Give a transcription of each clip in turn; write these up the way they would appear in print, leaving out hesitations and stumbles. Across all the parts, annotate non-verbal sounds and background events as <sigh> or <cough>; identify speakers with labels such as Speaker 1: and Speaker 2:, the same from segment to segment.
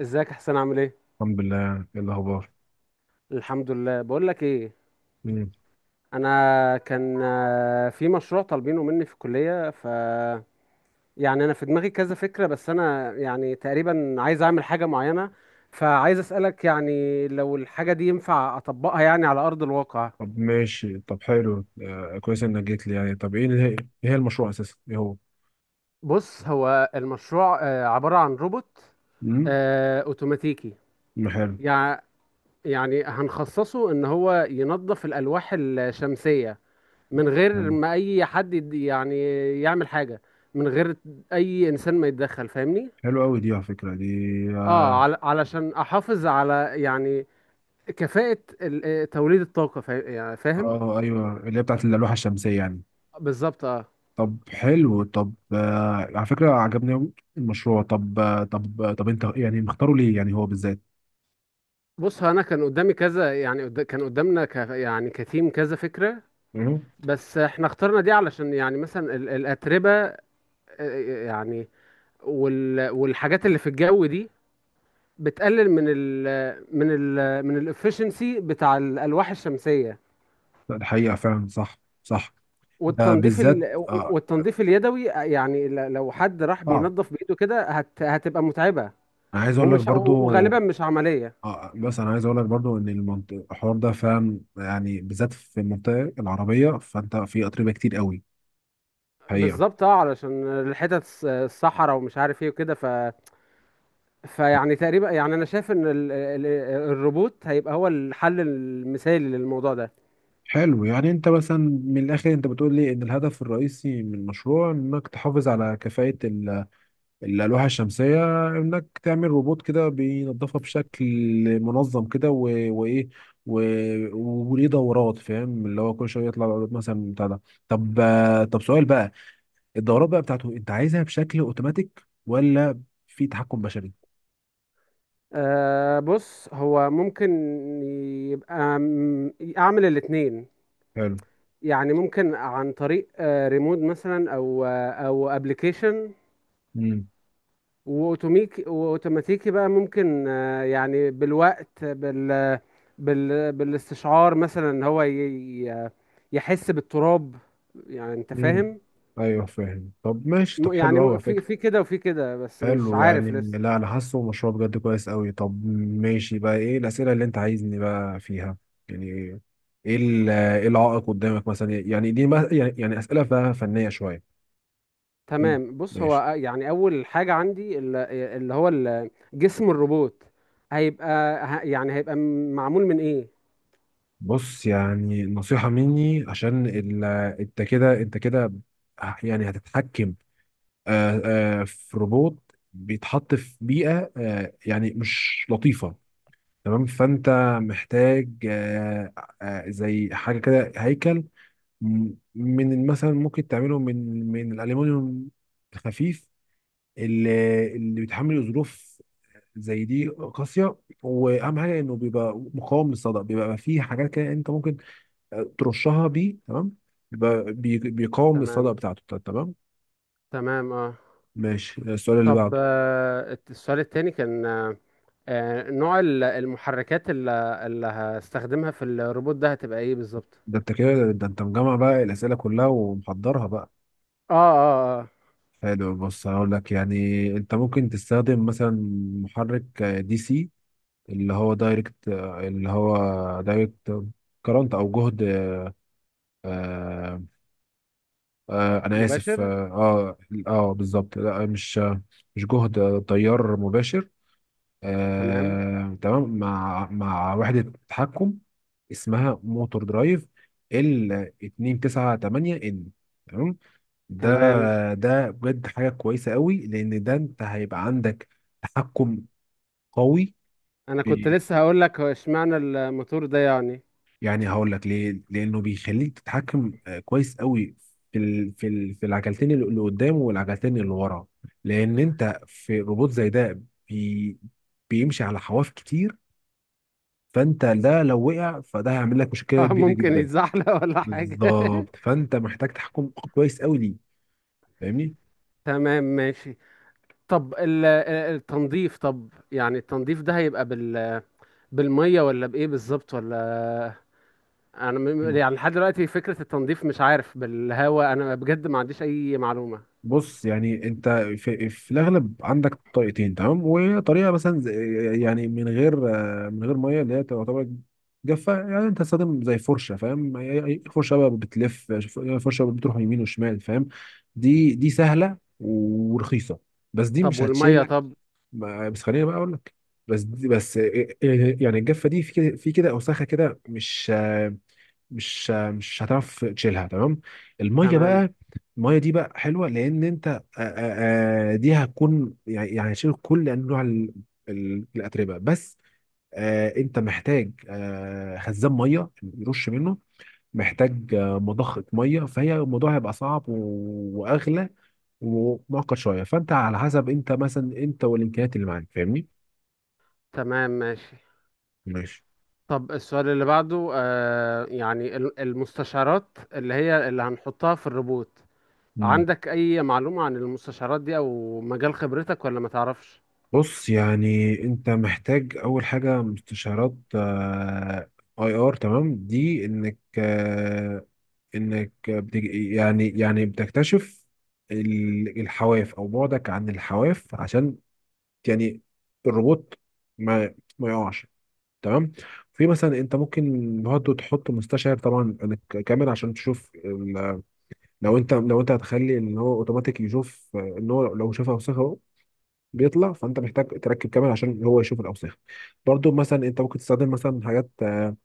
Speaker 1: ازيك يا حسين، عامل ايه؟
Speaker 2: الحمد لله، ايه الاخبار؟
Speaker 1: الحمد لله. بقول لك ايه،
Speaker 2: مم.
Speaker 1: انا كان في مشروع طالبينه مني في الكليه. يعني انا في دماغي كذا فكره، بس انا يعني تقريبا عايز اعمل حاجه معينه، فعايز اسالك يعني لو الحاجه دي ينفع اطبقها يعني على ارض الواقع.
Speaker 2: طب ماشي، طب حلو، كويس انك جيت لي، يعني طب ايه اللي هي، ايه هي المشروع اساسا، ايه هو؟
Speaker 1: بص هو المشروع عباره عن روبوت
Speaker 2: امم.
Speaker 1: اوتوماتيكي.
Speaker 2: حلو
Speaker 1: يع- يعني هنخصصه ان هو ينظف الالواح الشمسيه من غير
Speaker 2: حلو.
Speaker 1: ما اي حد يعني يعمل حاجة من غير اي انسان ما يتدخل، فاهمني؟
Speaker 2: حلو قوي دي، على فكره دي.
Speaker 1: اه،
Speaker 2: اه،
Speaker 1: علشان احافظ على يعني كفاءة توليد الطاقة يعني فاهم.
Speaker 2: آه، ايوه، اللي هي بتاعت اللوحه الشمسيه يعني.
Speaker 1: بالظبط اه.
Speaker 2: طب حلو، طب على فكره عجبني قوي المشروع. طب انت يعني مختاره ليه، يعني هو بالذات؟
Speaker 1: بص هو انا كان قدامي كذا يعني كان قدامنا يعني كتيم كذا فكرة،
Speaker 2: مم.
Speaker 1: بس احنا اخترنا دي علشان يعني مثلا الأتربة، يعني والحاجات اللي في الجو دي بتقلل من الافشنسي بتاع الألواح الشمسية.
Speaker 2: لا، الحقيقه فعلا صح صح. آه،
Speaker 1: والتنظيف
Speaker 2: بالذات.
Speaker 1: ال...
Speaker 2: آه.
Speaker 1: والتنظيف اليدوي، يعني لو حد راح
Speaker 2: صعب.
Speaker 1: بينظف بايده كده هتبقى متعبه،
Speaker 2: انا عايز اقول لك برضو
Speaker 1: وغالبا مش عمليه.
Speaker 2: اه، بس انا عايز اقول لك برضو ان الحوار ده فعلا، يعني بالذات في المنطقه العربيه، فانت في اتربه كتير قوي. حقيقه.
Speaker 1: بالظبط اه، علشان الحتت الصحراء ومش عارف ايه وكده. فيعني تقريبا يعني انا شايف ان الروبوت هيبقى هو الحل المثالي للموضوع ده.
Speaker 2: حلو، يعني انت مثلا من الاخر انت بتقول لي ان الهدف الرئيسي من المشروع انك تحافظ على كفاءه الالواح الشمسيه، انك تعمل روبوت كده بينظفها بشكل منظم كده، وايه، و- وليه دورات، فاهم اللي هو كل شويه يطلع العروض مثلا بتاع ده. طب طب سؤال بقى، الدورات بقى بتاعته انت عايزها بشكل اوتوماتيك ولا في تحكم بشري؟
Speaker 1: آه، بص هو ممكن يبقى اعمل الاتنين،
Speaker 2: حلو.
Speaker 1: يعني ممكن عن طريق ريموت مثلا، او ابلكيشن.
Speaker 2: امم.
Speaker 1: واوتوميك واوتوماتيكي بقى ممكن، يعني بالوقت، بالاستشعار مثلا، إن هو يحس بالتراب، يعني انت
Speaker 2: امم.
Speaker 1: فاهم.
Speaker 2: ايوه فاهم، طب ماشي، طب حلو قوي على
Speaker 1: في
Speaker 2: فكره.
Speaker 1: في كده وفي كده، بس مش
Speaker 2: حلو يعني.
Speaker 1: عارف لسه.
Speaker 2: لا، انا حاسه مشروع بجد كويس قوي. طب ماشي بقى، ايه الاسئله اللي انت عايزني بقى فيها، يعني ايه ايه العائق قدامك مثلا؟ يعني دي يعني يعني اسئله بقى فنيه شويه. إيه-
Speaker 1: تمام. بص
Speaker 2: ماشي.
Speaker 1: هو يعني اول حاجة عندي جسم الروبوت هيبقى معمول من ايه؟
Speaker 2: بص يعني نصيحه مني، عشان انت كده انت كده يعني هتتحكم، آه، في روبوت بيتحط في بيئة يعني مش لطيفة، تمام؟ فأنت محتاج زي حاجة كده هيكل، من مثلا ممكن تعمله من الألمنيوم الخفيف، اللي بيتحمل ظروف زي دي قاسية، وأهم حاجة إنه بيبقى مقاوم للصدأ. بيبقى فيه حاجات كده أنت ممكن ترشها بيه، تمام. بيبقى بيقاوم الصدأ
Speaker 1: تمام،
Speaker 2: بتاعته، تمام.
Speaker 1: تمام اه.
Speaker 2: ماشي، السؤال اللي
Speaker 1: طب
Speaker 2: بعده.
Speaker 1: السؤال التاني كان نوع المحركات اللي هستخدمها في الروبوت ده هتبقى ايه بالظبط؟
Speaker 2: ده انت كده، ده انت مجمع بقى الاسئله كلها ومحضرها بقى.
Speaker 1: اه، اه، اه،
Speaker 2: حلو، بص هقول لك، يعني انت ممكن تستخدم مثلا محرك دي سي، اللي هو دايركت كرنت او جهد. آه انا اسف.
Speaker 1: مباشر.
Speaker 2: بالظبط، لا، مش مش جهد، تيار مباشر.
Speaker 1: تمام،
Speaker 2: آه تمام، مع وحده تحكم اسمها موتور درايف ال 298 ان، تمام. ده
Speaker 1: تمام.
Speaker 2: ده بجد حاجة كويسة قوي، لأن ده أنت هيبقى عندك تحكم قوي
Speaker 1: انا كنت
Speaker 2: في.
Speaker 1: لسه هقول لك هو اشمعنى الموتور ده يعني؟
Speaker 2: يعني هقول لك ليه، لأنه بيخليك تتحكم كويس قوي في ال... في ال... في العجلتين اللي قدام والعجلتين اللي ورا، لأن أنت في روبوت زي ده بي... بيمشي على حواف كتير، فأنت ده لو وقع فده هيعمل لك
Speaker 1: <laughs>
Speaker 2: مشكلة
Speaker 1: اه،
Speaker 2: كبيرة
Speaker 1: ممكن
Speaker 2: جدا.
Speaker 1: يتزحلق ولا حاجة. <laughs>
Speaker 2: بالظبط، فأنت محتاج تحكم كويس قوي ليه، فاهمني؟
Speaker 1: تمام، ماشي. طب التنظيف، طب يعني التنظيف ده هيبقى بالمية ولا بإيه بالظبط، ولا... أنا يعني لحد دلوقتي فكرة التنظيف مش عارف، بالهواء؟ أنا بجد ما عنديش أي معلومة.
Speaker 2: بص يعني انت في الاغلب عندك طريقتين، تمام. وطريقه مثلا يعني من غير ميه، اللي هي تعتبر جافه. يعني انت تستخدم زي فرشه، فاهم؟ أي فرشه بقى بتلف، فرشه بتروح يمين وشمال، فاهم؟ دي سهله ورخيصه، بس دي
Speaker 1: طب
Speaker 2: مش
Speaker 1: والمية؟
Speaker 2: هتشيلك.
Speaker 1: طب،
Speaker 2: بس خليني بقى اقول لك. بس دي، بس يعني الجافه دي، في كده في كده اوساخه كده، مش هتعرف تشيلها، تمام. الميه
Speaker 1: تمام.
Speaker 2: بقى، الميه دي بقى حلوه، لان انت دي هتكون، يعني يعني هتشيل كل انواع الاتربه، بس انت محتاج خزان ميه يرش منه، محتاج مضخه ميه، فهي الموضوع هيبقى صعب واغلى ومعقد شويه، فانت على حسب انت مثلا، انت والامكانيات اللي معاك، فاهمني؟
Speaker 1: تمام ماشي.
Speaker 2: ماشي.
Speaker 1: طب السؤال اللي بعده آه، يعني المستشعرات اللي هي اللي هنحطها في الروبوت، عندك أي معلومة عن المستشعرات دي أو مجال خبرتك ولا ما تعرفش؟
Speaker 2: بص يعني انت محتاج اول حاجه مستشارات اي ار، تمام، دي انك انك يعني يعني بتكتشف الحواف او بعدك عن الحواف، عشان يعني الروبوت ما يقعش، تمام. في مثلا انت ممكن برضه تحط مستشعر، طبعا عن كاميرا عشان تشوف لو انت هتخلي ان هو اوتوماتيك يشوف ان هو لو شاف اوساخه بيطلع، فانت محتاج تركب كامل عشان هو يشوف الاوساخ. برضو مثلا انت ممكن تستخدم مثلا حاجات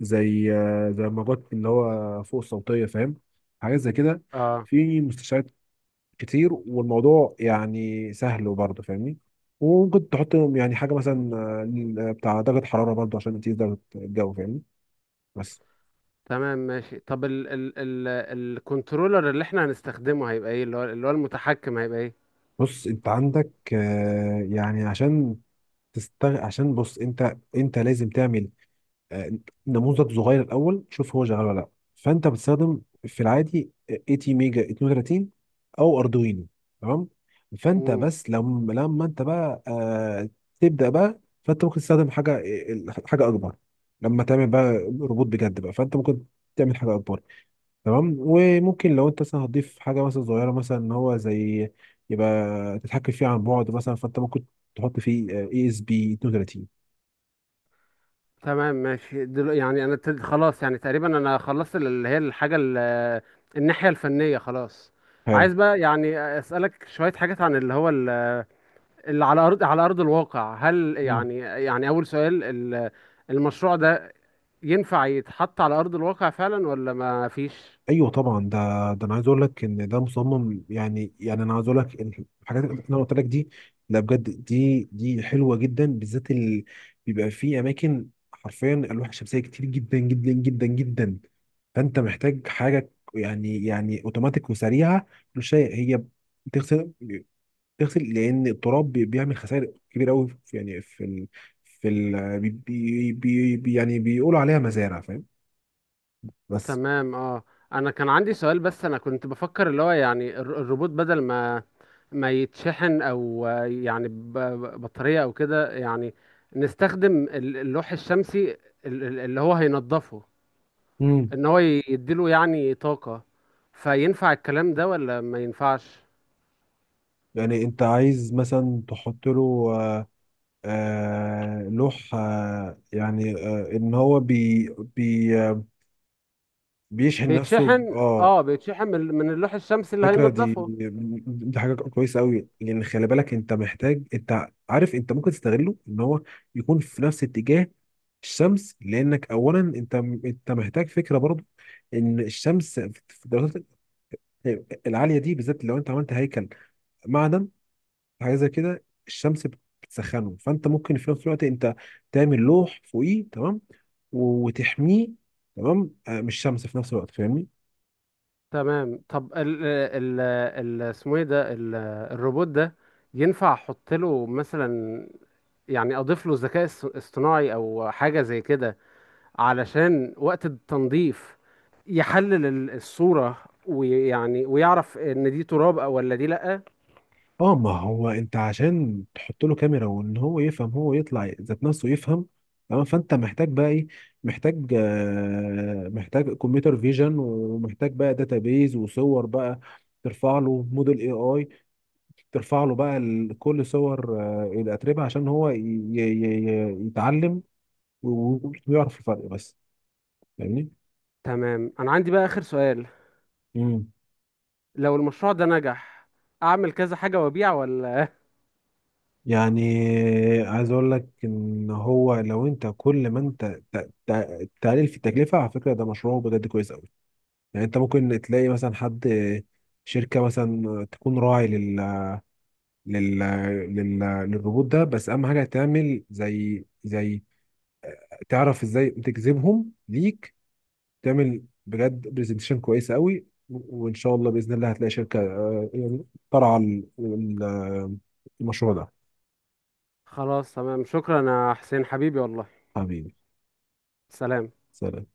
Speaker 2: زي زي الموجات اللي هو فوق الصوتيه، فاهم؟ حاجات زي كده
Speaker 1: اه.
Speaker 2: في مستشفيات كتير، والموضوع يعني سهل برضه، فاهمني؟ وممكن تحط يعني حاجه مثلا بتاع درجه حراره برضه عشان تقيس درجه الجو، فاهمني؟ بس.
Speaker 1: تمام ماشي. طب ال ال ال الكنترولر اللي احنا هنستخدمه هيبقى ايه، اللي هو المتحكم، هيبقى ايه؟
Speaker 2: بص انت عندك يعني عشان عشان بص، انت لازم تعمل آه، نموذج صغير الاول، شوف هو شغال ولا لا. فانت بتستخدم في العادي 80 ميجا 32 او اردوينو، تمام. فانت
Speaker 1: مم.
Speaker 2: بس لما انت بقى تبدا بقى، فانت ممكن تستخدم حاجه، اكبر، لما تعمل بقى روبوت بجد بقى، فانت ممكن تعمل حاجه اكبر، تمام. وممكن لو انت مثلا هتضيف حاجه مثلا صغيره مثلا ان هو زي يبقى تتحكم فيه عن بعد مثلا، فانت ممكن تحط فيه اي اس بي 32.
Speaker 1: تمام ماشي. دل يعني انا ابتديت خلاص، يعني تقريبا انا خلصت ال- اللي هي الحاجة ال- الناحية الفنية خلاص.
Speaker 2: حلو.
Speaker 1: عايز بقى يعني أسألك شوية حاجات عن اللي هو اللي على ارض الواقع. هل يعني يعني اول سؤال المشروع ده ينفع يتحط على ارض الواقع فعلا ولا ما فيش؟
Speaker 2: ايوه طبعا ده، ده انا عايز اقول لك ان ده مصمم، يعني يعني انا عايز اقول لك إن الحاجات اللي انا قلت لك دي. لا بجد، دي حلوه جدا بالذات ال... بيبقى في اماكن حرفيا الواح الشمسيه كتير جدا جدا جدا جدا، فانت محتاج حاجه، يعني يعني اوتوماتيك وسريعه، كل شيء هي بتغسل، بتغسل. لان التراب بيعمل خسائر كبيره قوي في يعني في ال... في ال... يعني بيقولوا عليها مزارع، فاهم؟ بس.
Speaker 1: تمام اه. انا كان عندي سؤال، بس انا كنت بفكر اللي هو يعني الروبوت بدل ما يتشحن او يعني بطارية او كده، يعني نستخدم اللوح الشمسي اللي هو هينضفه ان هو يديله يعني طاقة. فينفع الكلام ده ولا ما ينفعش؟
Speaker 2: يعني انت عايز مثلا تحط له لوح يعني ان هو بي بي آه، بيشحن نفسه ب-
Speaker 1: بيتشحن،
Speaker 2: اه
Speaker 1: اه بيتشحن من اللوح الشمسي اللي
Speaker 2: الفكره دي،
Speaker 1: هينضفه.
Speaker 2: دي حاجه كويسه قوي، لان خلي بالك انت محتاج، انت عارف انت ممكن تستغله ان هو يكون في نفس اتجاه الشمس، لانك اولا انت محتاج فكره برضو ان الشمس في الدرجات العاليه دي، بالذات لو انت عملت هيكل معدن، حاجه زي كده الشمس بتسخنه، فانت ممكن في نفس الوقت انت تعمل لوح فوقيه، تمام، وتحميه، تمام، من الشمس في نفس الوقت، فاهمني؟
Speaker 1: تمام. طب ال ال ال اسمه ايه ده الروبوت ده، ينفع احط له مثلا يعني اضيف له ذكاء اصطناعي او حاجة زي كده، علشان وقت التنظيف يحلل الصورة ويعني ويعرف ان دي تراب او ولا دي لأ؟
Speaker 2: اه، ما هو انت عشان تحط له كاميرا وان هو يفهم، هو يطلع ذات نفسه يفهم، تمام. فانت محتاج بقى ايه؟ محتاج كمبيوتر فيجن، ومحتاج بقى داتابيز وصور بقى، ترفع له موديل اي اي، ترفع له بقى كل صور الاتربه، عشان هو يتعلم وبيعرف الفرق، بس فاهمني؟
Speaker 1: تمام. انا عندي بقى اخر سؤال،
Speaker 2: امم.
Speaker 1: لو المشروع ده نجح، اعمل كذا حاجة وابيع ولا...؟
Speaker 2: يعني عايز اقول لك ان هو لو انت كل ما انت تقلل في التكلفه، على فكره ده مشروع بجد كويس قوي. يعني انت ممكن تلاقي مثلا حد، شركه مثلا تكون راعي لل لل لل للروبوت ده، بس اهم حاجه تعمل زي تعرف ازاي تجذبهم ليك، تعمل بجد برزنتيشن كويسه قوي، وان شاء الله باذن الله هتلاقي شركه يعني ترعى المشروع ده.
Speaker 1: خلاص تمام، شكرا يا حسين حبيبي والله.
Speaker 2: حبيبي.
Speaker 1: سلام.
Speaker 2: سلام.